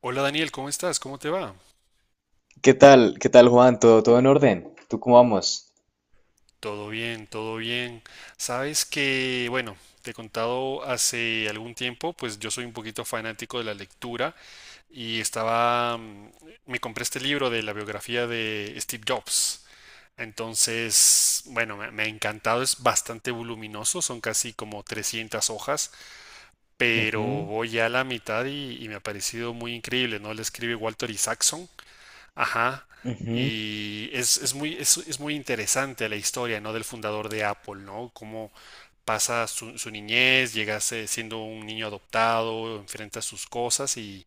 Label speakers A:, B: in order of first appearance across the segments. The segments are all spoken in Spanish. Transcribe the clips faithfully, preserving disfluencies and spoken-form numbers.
A: Hola Daniel, ¿cómo estás? ¿Cómo te va?
B: ¿Qué tal? ¿Qué tal, Juan? ¿Todo, todo en orden? ¿Tú cómo vamos?
A: Todo bien, todo bien. Sabes que, bueno, te he contado hace algún tiempo, pues yo soy un poquito fanático de la lectura y estaba, mm, me compré este libro de la biografía de Steve Jobs. Entonces, bueno, me, me ha encantado, es bastante voluminoso, son casi como trescientas hojas, pero
B: Ujú,
A: voy ya a la mitad y, y me ha parecido muy increíble, ¿no? Le escribe Walter Isaacson. Ajá.
B: ujú.
A: Y es, es muy, es, es muy interesante la historia, ¿no? Del fundador de Apple, ¿no? Cómo pasa su, su niñez, llega a ser- siendo un niño adoptado, enfrenta sus cosas y,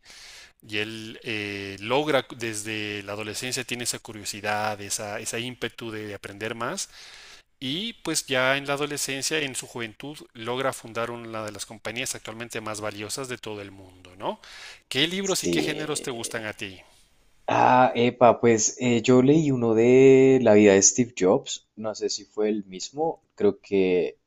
A: y él eh, logra desde la adolescencia, tiene esa curiosidad, esa, esa ímpetu de aprender más y pues ya en la adolescencia, en su juventud, logra fundar una de las compañías actualmente más valiosas de todo el mundo, ¿no? ¿Qué libros y
B: Sí.
A: qué géneros te gustan a ti?
B: Ah, epa, pues eh, yo leí uno de la vida de Steve Jobs, no sé si fue el mismo, creo que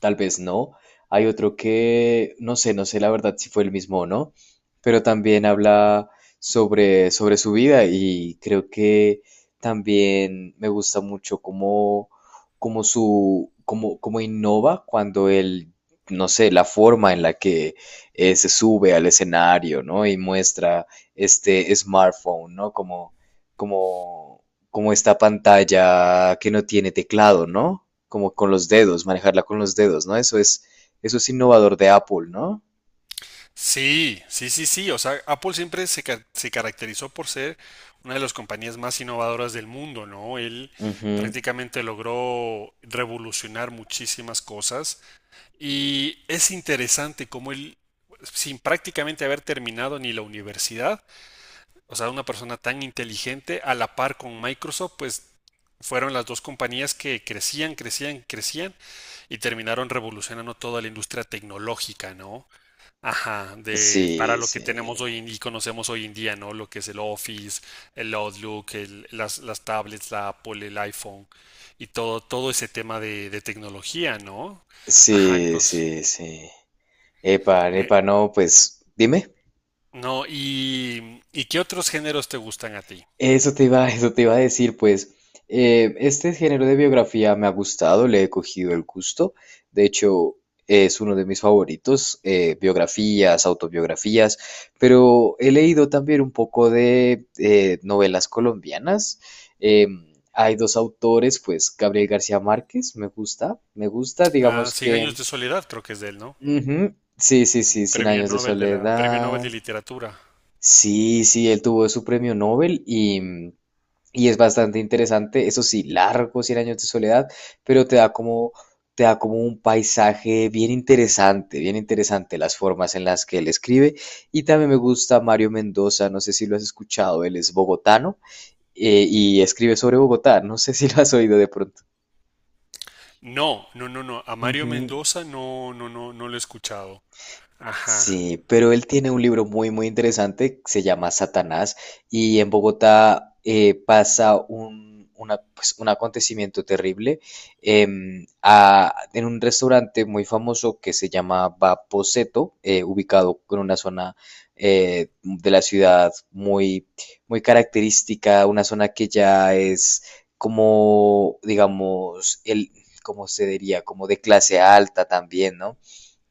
B: tal vez no. Hay otro que, no sé, no sé la verdad si fue el mismo o no, pero también habla sobre, sobre su vida y creo que también me gusta mucho cómo, cómo su, cómo, cómo innova cuando él, no sé, la forma en la que eh, se sube al escenario, ¿no? Y muestra este smartphone, ¿no? Como, como, como esta pantalla que no tiene teclado, ¿no? Como con los dedos, manejarla con los dedos, ¿no? Eso es, eso es innovador de Apple, ¿no?
A: Sí, sí, sí, sí. O sea, Apple siempre se, ca- se caracterizó por ser una de las compañías más innovadoras del mundo, ¿no? Él
B: Ujú.
A: prácticamente logró revolucionar muchísimas cosas y es interesante cómo él, sin prácticamente haber terminado ni la universidad, o sea, una persona tan inteligente, a la par con Microsoft, pues fueron las dos compañías que crecían, crecían, crecían y terminaron revolucionando toda la industria tecnológica, ¿no? Ajá, de para
B: Sí,
A: lo que
B: sí.
A: tenemos hoy en- y conocemos hoy en día, ¿no? Lo que es el Office, el Outlook, el- las, las tablets, la Apple, el iPhone y todo, todo ese tema de, de tecnología, ¿no? Ajá,
B: Sí,
A: entonces,
B: sí, sí. Epa,
A: me-
B: epa, no, pues dime.
A: no. Y, ¿y qué otros géneros te gustan a ti?
B: Eso te iba, eso te iba a decir, pues eh, este género de biografía me ha gustado, le he cogido el gusto, de hecho es uno de mis favoritos, eh, biografías, autobiografías, pero he leído también un poco de eh, novelas colombianas. Em, hay dos autores, pues Gabriel García Márquez, me gusta, me gusta,
A: Ah,
B: digamos
A: Cien años
B: que...
A: de soledad, creo que es de él, ¿no?
B: Ujú. Sí, sí, sí, Cien
A: Premio
B: años de
A: Nobel de la, Premio Nobel de
B: soledad.
A: Literatura.
B: Sí, sí, él tuvo su premio Nobel y, y es bastante interesante, eso sí, largo, cien años de soledad, pero te da como, te da como un paisaje bien interesante, bien interesante las formas en las que él escribe. Y también me gusta Mario Mendoza, no sé si lo has escuchado, él es bogotano eh, y escribe sobre Bogotá, no sé si lo has oído de pronto.
A: No, no, no, no. A Mario
B: Ujú.
A: Mendoza no, no, no, no lo he escuchado. Ajá.
B: Sí, pero él tiene un libro muy, muy interesante, se llama Satanás, y en Bogotá eh, pasa un, una- pues, un acontecimiento terrible em, a- en un restaurante muy famoso que se llama Vaposeto, eh, ubicado en una zona eh, de la ciudad muy, muy característica, una zona que ya es como, digamos, el, cómo se diría, como de clase alta también, ¿no?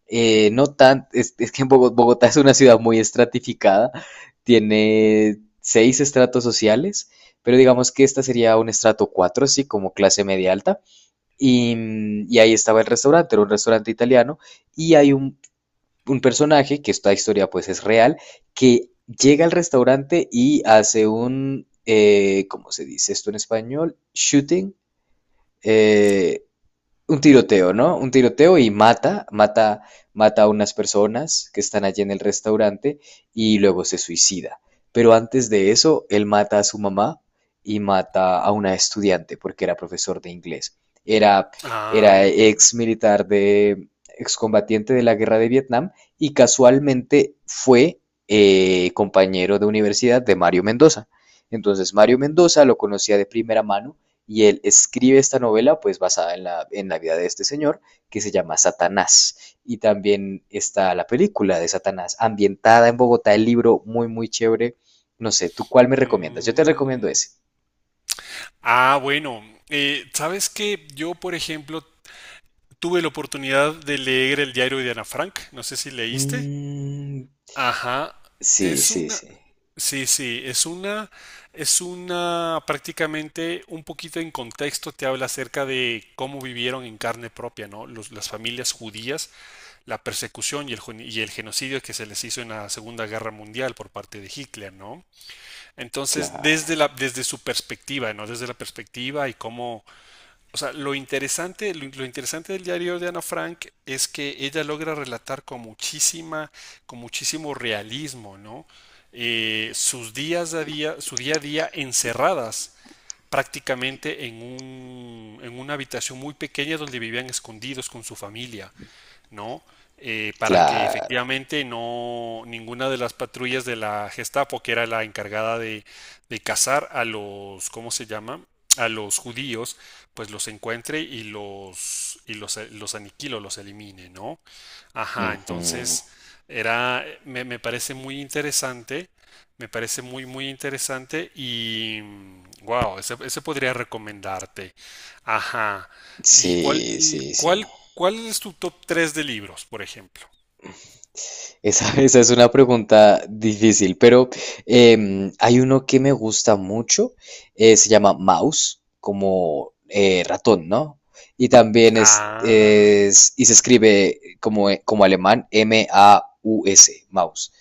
B: Eh, no tan, es, es que en Bogo- Bogotá es una ciudad muy estratificada, tiene seis estratos sociales, pero digamos que esta sería un estrato cuatro, así como clase media alta. Y, mm, y ahí estaba el restaurante, era un restaurante italiano, y hay un, un personaje, que esta historia pues es real, que llega al restaurante y hace un, eh, ¿cómo se dice esto en español? Shooting. eh, un tiroteo, ¿no? Un tiroteo y mata, mata, mata a unas personas que están allí en el restaurante y luego se suicida. Pero antes de eso, él mata a su mamá y mata a una estudiante porque era profesor de inglés. Era, era
A: Ah.
B: ex militar de, excombatiente de la guerra de Vietnam y casualmente fue eh, compañero de universidad de Mario Mendoza. Entonces Mario Mendoza lo conocía de primera mano y él escribe esta novela, pues basada en la, en la vida de este señor, que se llama Satanás. Y también está la película de Satanás, ambientada en Bogotá, el libro muy, muy chévere. No sé, ¿tú cuál me recomiendas? Yo te recomiendo
A: mm,
B: ese.
A: Ah, bueno, eh, sabes que yo, por ejemplo, tuve la oportunidad de leer el diario de Ana Frank, no sé si leíste.
B: Mm,
A: Ajá,
B: sí,
A: es
B: sí,
A: una,
B: sí.
A: sí, sí, es una, es una prácticamente un poquito en contexto te habla acerca de cómo vivieron en carne propia, ¿no? Los- las familias judías, la persecución y el, gen- y el genocidio que se les hizo en la Segunda Guerra Mundial por parte de Hitler, ¿no? Entonces,
B: Claro,
A: desde la, desde su perspectiva, ¿no? Desde la perspectiva y cómo o sea, lo interesante, lo, lo interesante del diario de Ana Frank es que ella logra relatar con muchísima, con muchísimo realismo, ¿no? Eh, sus días a día, su día a día encerradas prácticamente en un, en una habitación muy pequeña donde vivían escondidos con su familia, ¿no? Eh, para que
B: claro.
A: efectivamente no ninguna de las patrullas de la Gestapo, que era la encargada de, de cazar a los, ¿cómo se llama? A los judíos, pues los encuentre y los y los, los aniquilo, los elimine, ¿no? Ajá,
B: Ujú.
A: entonces era me, me parece muy interesante, me parece muy muy interesante y wow, ese, ese podría recomendarte. Ajá. ¿Y cuál,
B: Sí, sí, sí.
A: cuál, cuál es tu top tres de libros, por ejemplo?
B: Esa, esa es una pregunta difícil, pero em, hay uno que me gusta mucho, eh, se llama mouse, como eh, ratón, ¿no? Y también es,
A: Ah,
B: es- y se escribe como, como alemán, M A U S, mouse,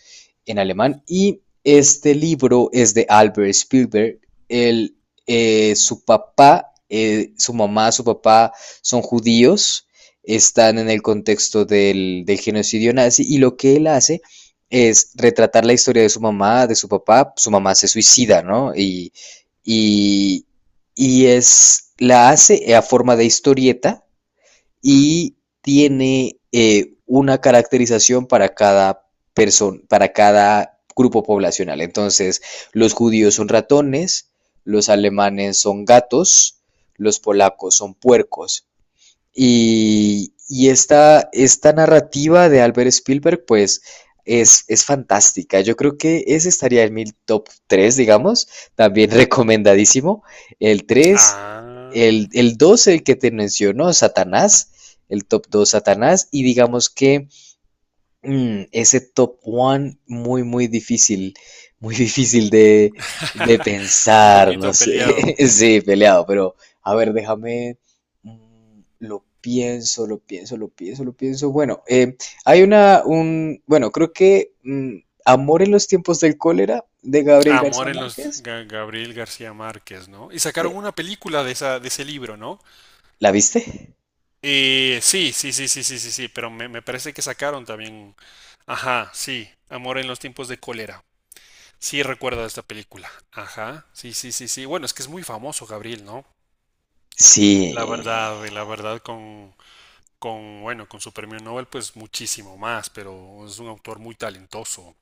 B: en alemán. Y este libro es de Albert Spielberg. Él, eh, su papá, eh, su mamá, su papá son judíos, están en el contexto del, del genocidio nazi y lo que él hace es retratar la historia de su mamá, de su papá, su mamá se suicida, ¿no? Y, y, y es, la hace a forma de historieta y tiene eh, una caracterización para cada persona, para cada grupo poblacional. Entonces, los judíos son ratones, los alemanes son gatos, los polacos son puercos, y, y esta, esta narrativa de Albert Spielberg, pues es, es fantástica. Yo creo que ese estaría en mi top tres, digamos, también recomendadísimo. El tres,
A: ah.
B: el, el dos, el que te mencionó, Satanás, el top dos Satanás, y digamos que Mm, ese top one muy, muy difícil, muy difícil de, de
A: Un
B: pensar, no
A: poquito peleado.
B: sé, sí, peleado, pero a ver, déjame, mm, lo pienso, lo pienso, lo pienso, lo pienso. Bueno, eh, hay una, un, bueno, creo que mm, Amor en los tiempos del cólera de Gabriel García
A: Amor en los
B: Márquez,
A: Ga- Gabriel García Márquez, ¿no? Y
B: eh,
A: sacaron una película de esa, de ese libro, ¿no?
B: ¿la viste?
A: Eh, sí, sí, sí, sí, sí, sí, sí, pero me, me parece que sacaron también. Ajá, sí. Amor en los tiempos de cólera. Sí, recuerdo esta película. Ajá, sí, sí, sí, sí. Bueno, es que es muy famoso, Gabriel, ¿no?
B: Sí,
A: La verdad, la verdad, con, con, bueno, con su premio Nobel, pues muchísimo más, pero es un autor muy talentoso.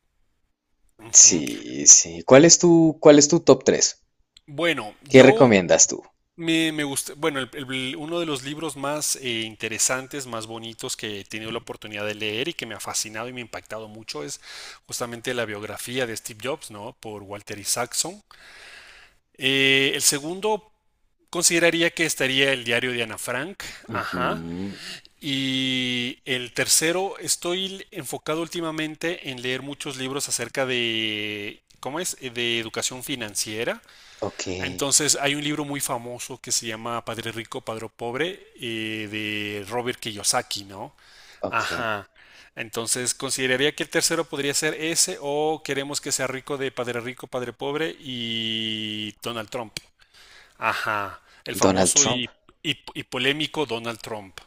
A: Ujú.
B: sí, sí. ¿Cuál es tu, cuál es tu top tres?
A: Bueno,
B: ¿Qué
A: yo
B: recomiendas tú?
A: me, me gusta, bueno, el- el- uno de los libros más eh, interesantes, más bonitos que he tenido la oportunidad de leer y que me ha fascinado y me ha impactado mucho es justamente la biografía de Steve Jobs, ¿no? Por Walter Isaacson. Eh, el segundo consideraría que estaría el diario de Ana Frank. Ajá.
B: Ujú,
A: Y el tercero, estoy enfocado últimamente en leer muchos libros acerca de, ¿cómo es? Eh, De educación financiera.
B: ok.
A: Entonces, hay un libro muy famoso que se llama Padre Rico, Padre Pobre, eh, de Robert Kiyosaki, ¿no?
B: Okay.
A: Ajá. Entonces, consideraría que el tercero podría ser ese o queremos que sea rico de Padre Rico, Padre Pobre y Donald Trump. Ajá, el
B: Donald
A: famoso
B: Trump.
A: y, y- y polémico Donald Trump.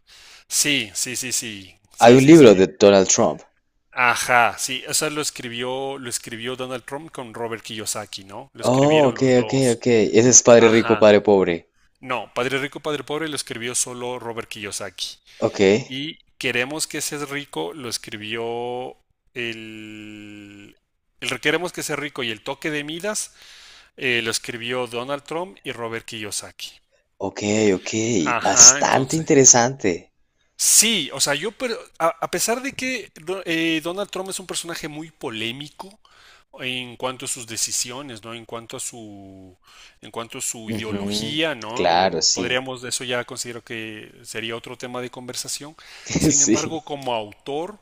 A: Sí, sí, sí, sí,
B: Hay
A: sí,
B: un
A: sí, sí.
B: libro de Donald Trump.
A: Ajá, sí, o sea, lo escribió, lo escribió Donald Trump con Robert Kiyosaki, ¿no? Lo
B: Oh,
A: escribieron
B: ok,
A: los
B: ok,
A: dos.
B: ok. Ese es Padre Rico,
A: Ajá.
B: Padre Pobre.
A: No, Padre Rico, Padre Pobre lo escribió solo Robert Kiyosaki.
B: Ok,
A: Y Queremos que seas rico lo escribió el... El Queremos que seas rico y el toque de Midas eh, lo escribió Donald Trump y Robert Kiyosaki.
B: ok, ok.
A: Ajá,
B: Bastante
A: entonces.
B: interesante.
A: Sí, o sea, yo, pero a, a pesar de que do- eh, Donald Trump es un personaje muy polémico, en cuanto a sus decisiones, ¿no? En cuanto a su, en cuanto a su,
B: Ujú,
A: ideología,
B: claro,
A: ¿no?
B: sí.
A: Podríamos, eso ya considero que sería otro tema de conversación. Sin embargo,
B: Sí.
A: como autor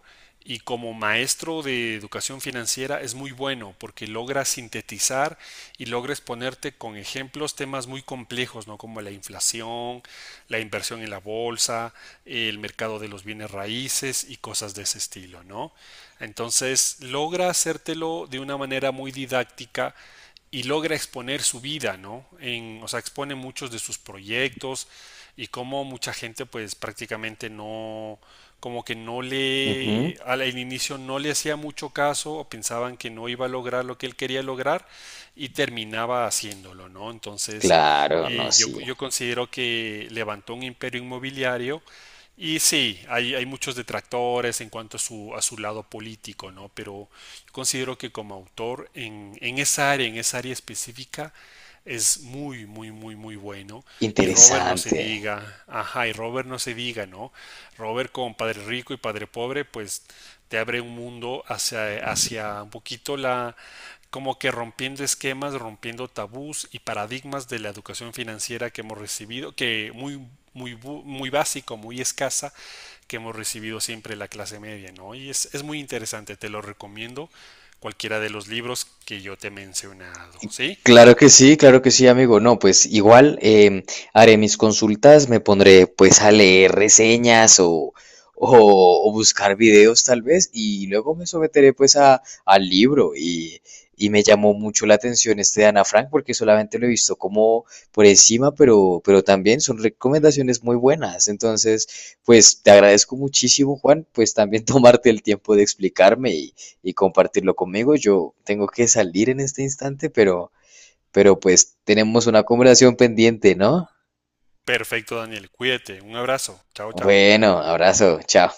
A: y como maestro de educación financiera es muy bueno porque logra sintetizar y logra exponerte con ejemplos temas muy complejos, ¿no? Como la inflación, la inversión en la bolsa, el mercado de los bienes raíces y cosas de ese estilo, ¿no? Entonces, entonces logra hacértelo de una manera muy didáctica y logra exponer su vida, ¿no? En, o sea, expone muchos de sus proyectos y cómo mucha gente pues prácticamente no, como que no
B: Ujú,
A: le, al inicio no le hacía mucho caso o pensaban que no iba a lograr lo que él quería lograr y terminaba haciéndolo, ¿no? Entonces,
B: claro, no,
A: eh, yo,
B: sí.
A: yo considero que levantó un imperio inmobiliario y sí, hay, hay muchos detractores en cuanto a su, a su lado político, ¿no? Pero yo considero que como autor en, en esa área, en esa área específica, es muy, muy, muy, muy bueno. Y Robert no se
B: Interesante.
A: diga, ajá, y Robert no se diga, ¿no? Robert con Padre Rico y Padre Pobre, pues te abre un mundo hacia, hacia, un poquito la, como que rompiendo esquemas, rompiendo tabús y paradigmas de la educación financiera que hemos recibido, que muy muy, muy básico, muy escasa que hemos recibido siempre la clase media, ¿no? Y es, es muy interesante, te lo recomiendo cualquiera de los libros que yo te he mencionado, ¿sí?
B: Claro que sí, claro que sí, amigo. No, pues igual em, haré mis consultas, me pondré pues a leer reseñas o, o, o buscar videos tal vez y luego me someteré pues a, al libro y, y me llamó mucho la atención este de Ana Frank porque solamente lo he visto como por encima, pero, pero también son recomendaciones muy buenas. Entonces, pues te agradezco muchísimo, Juan, pues también tomarte el tiempo de explicarme y, y compartirlo conmigo. Yo tengo que salir en este instante, pero pero pues tenemos una conversación pendiente, ¿no?
A: Perfecto, Daniel, cuídate, un abrazo, chao, chao.
B: Bueno, abrazo, chao.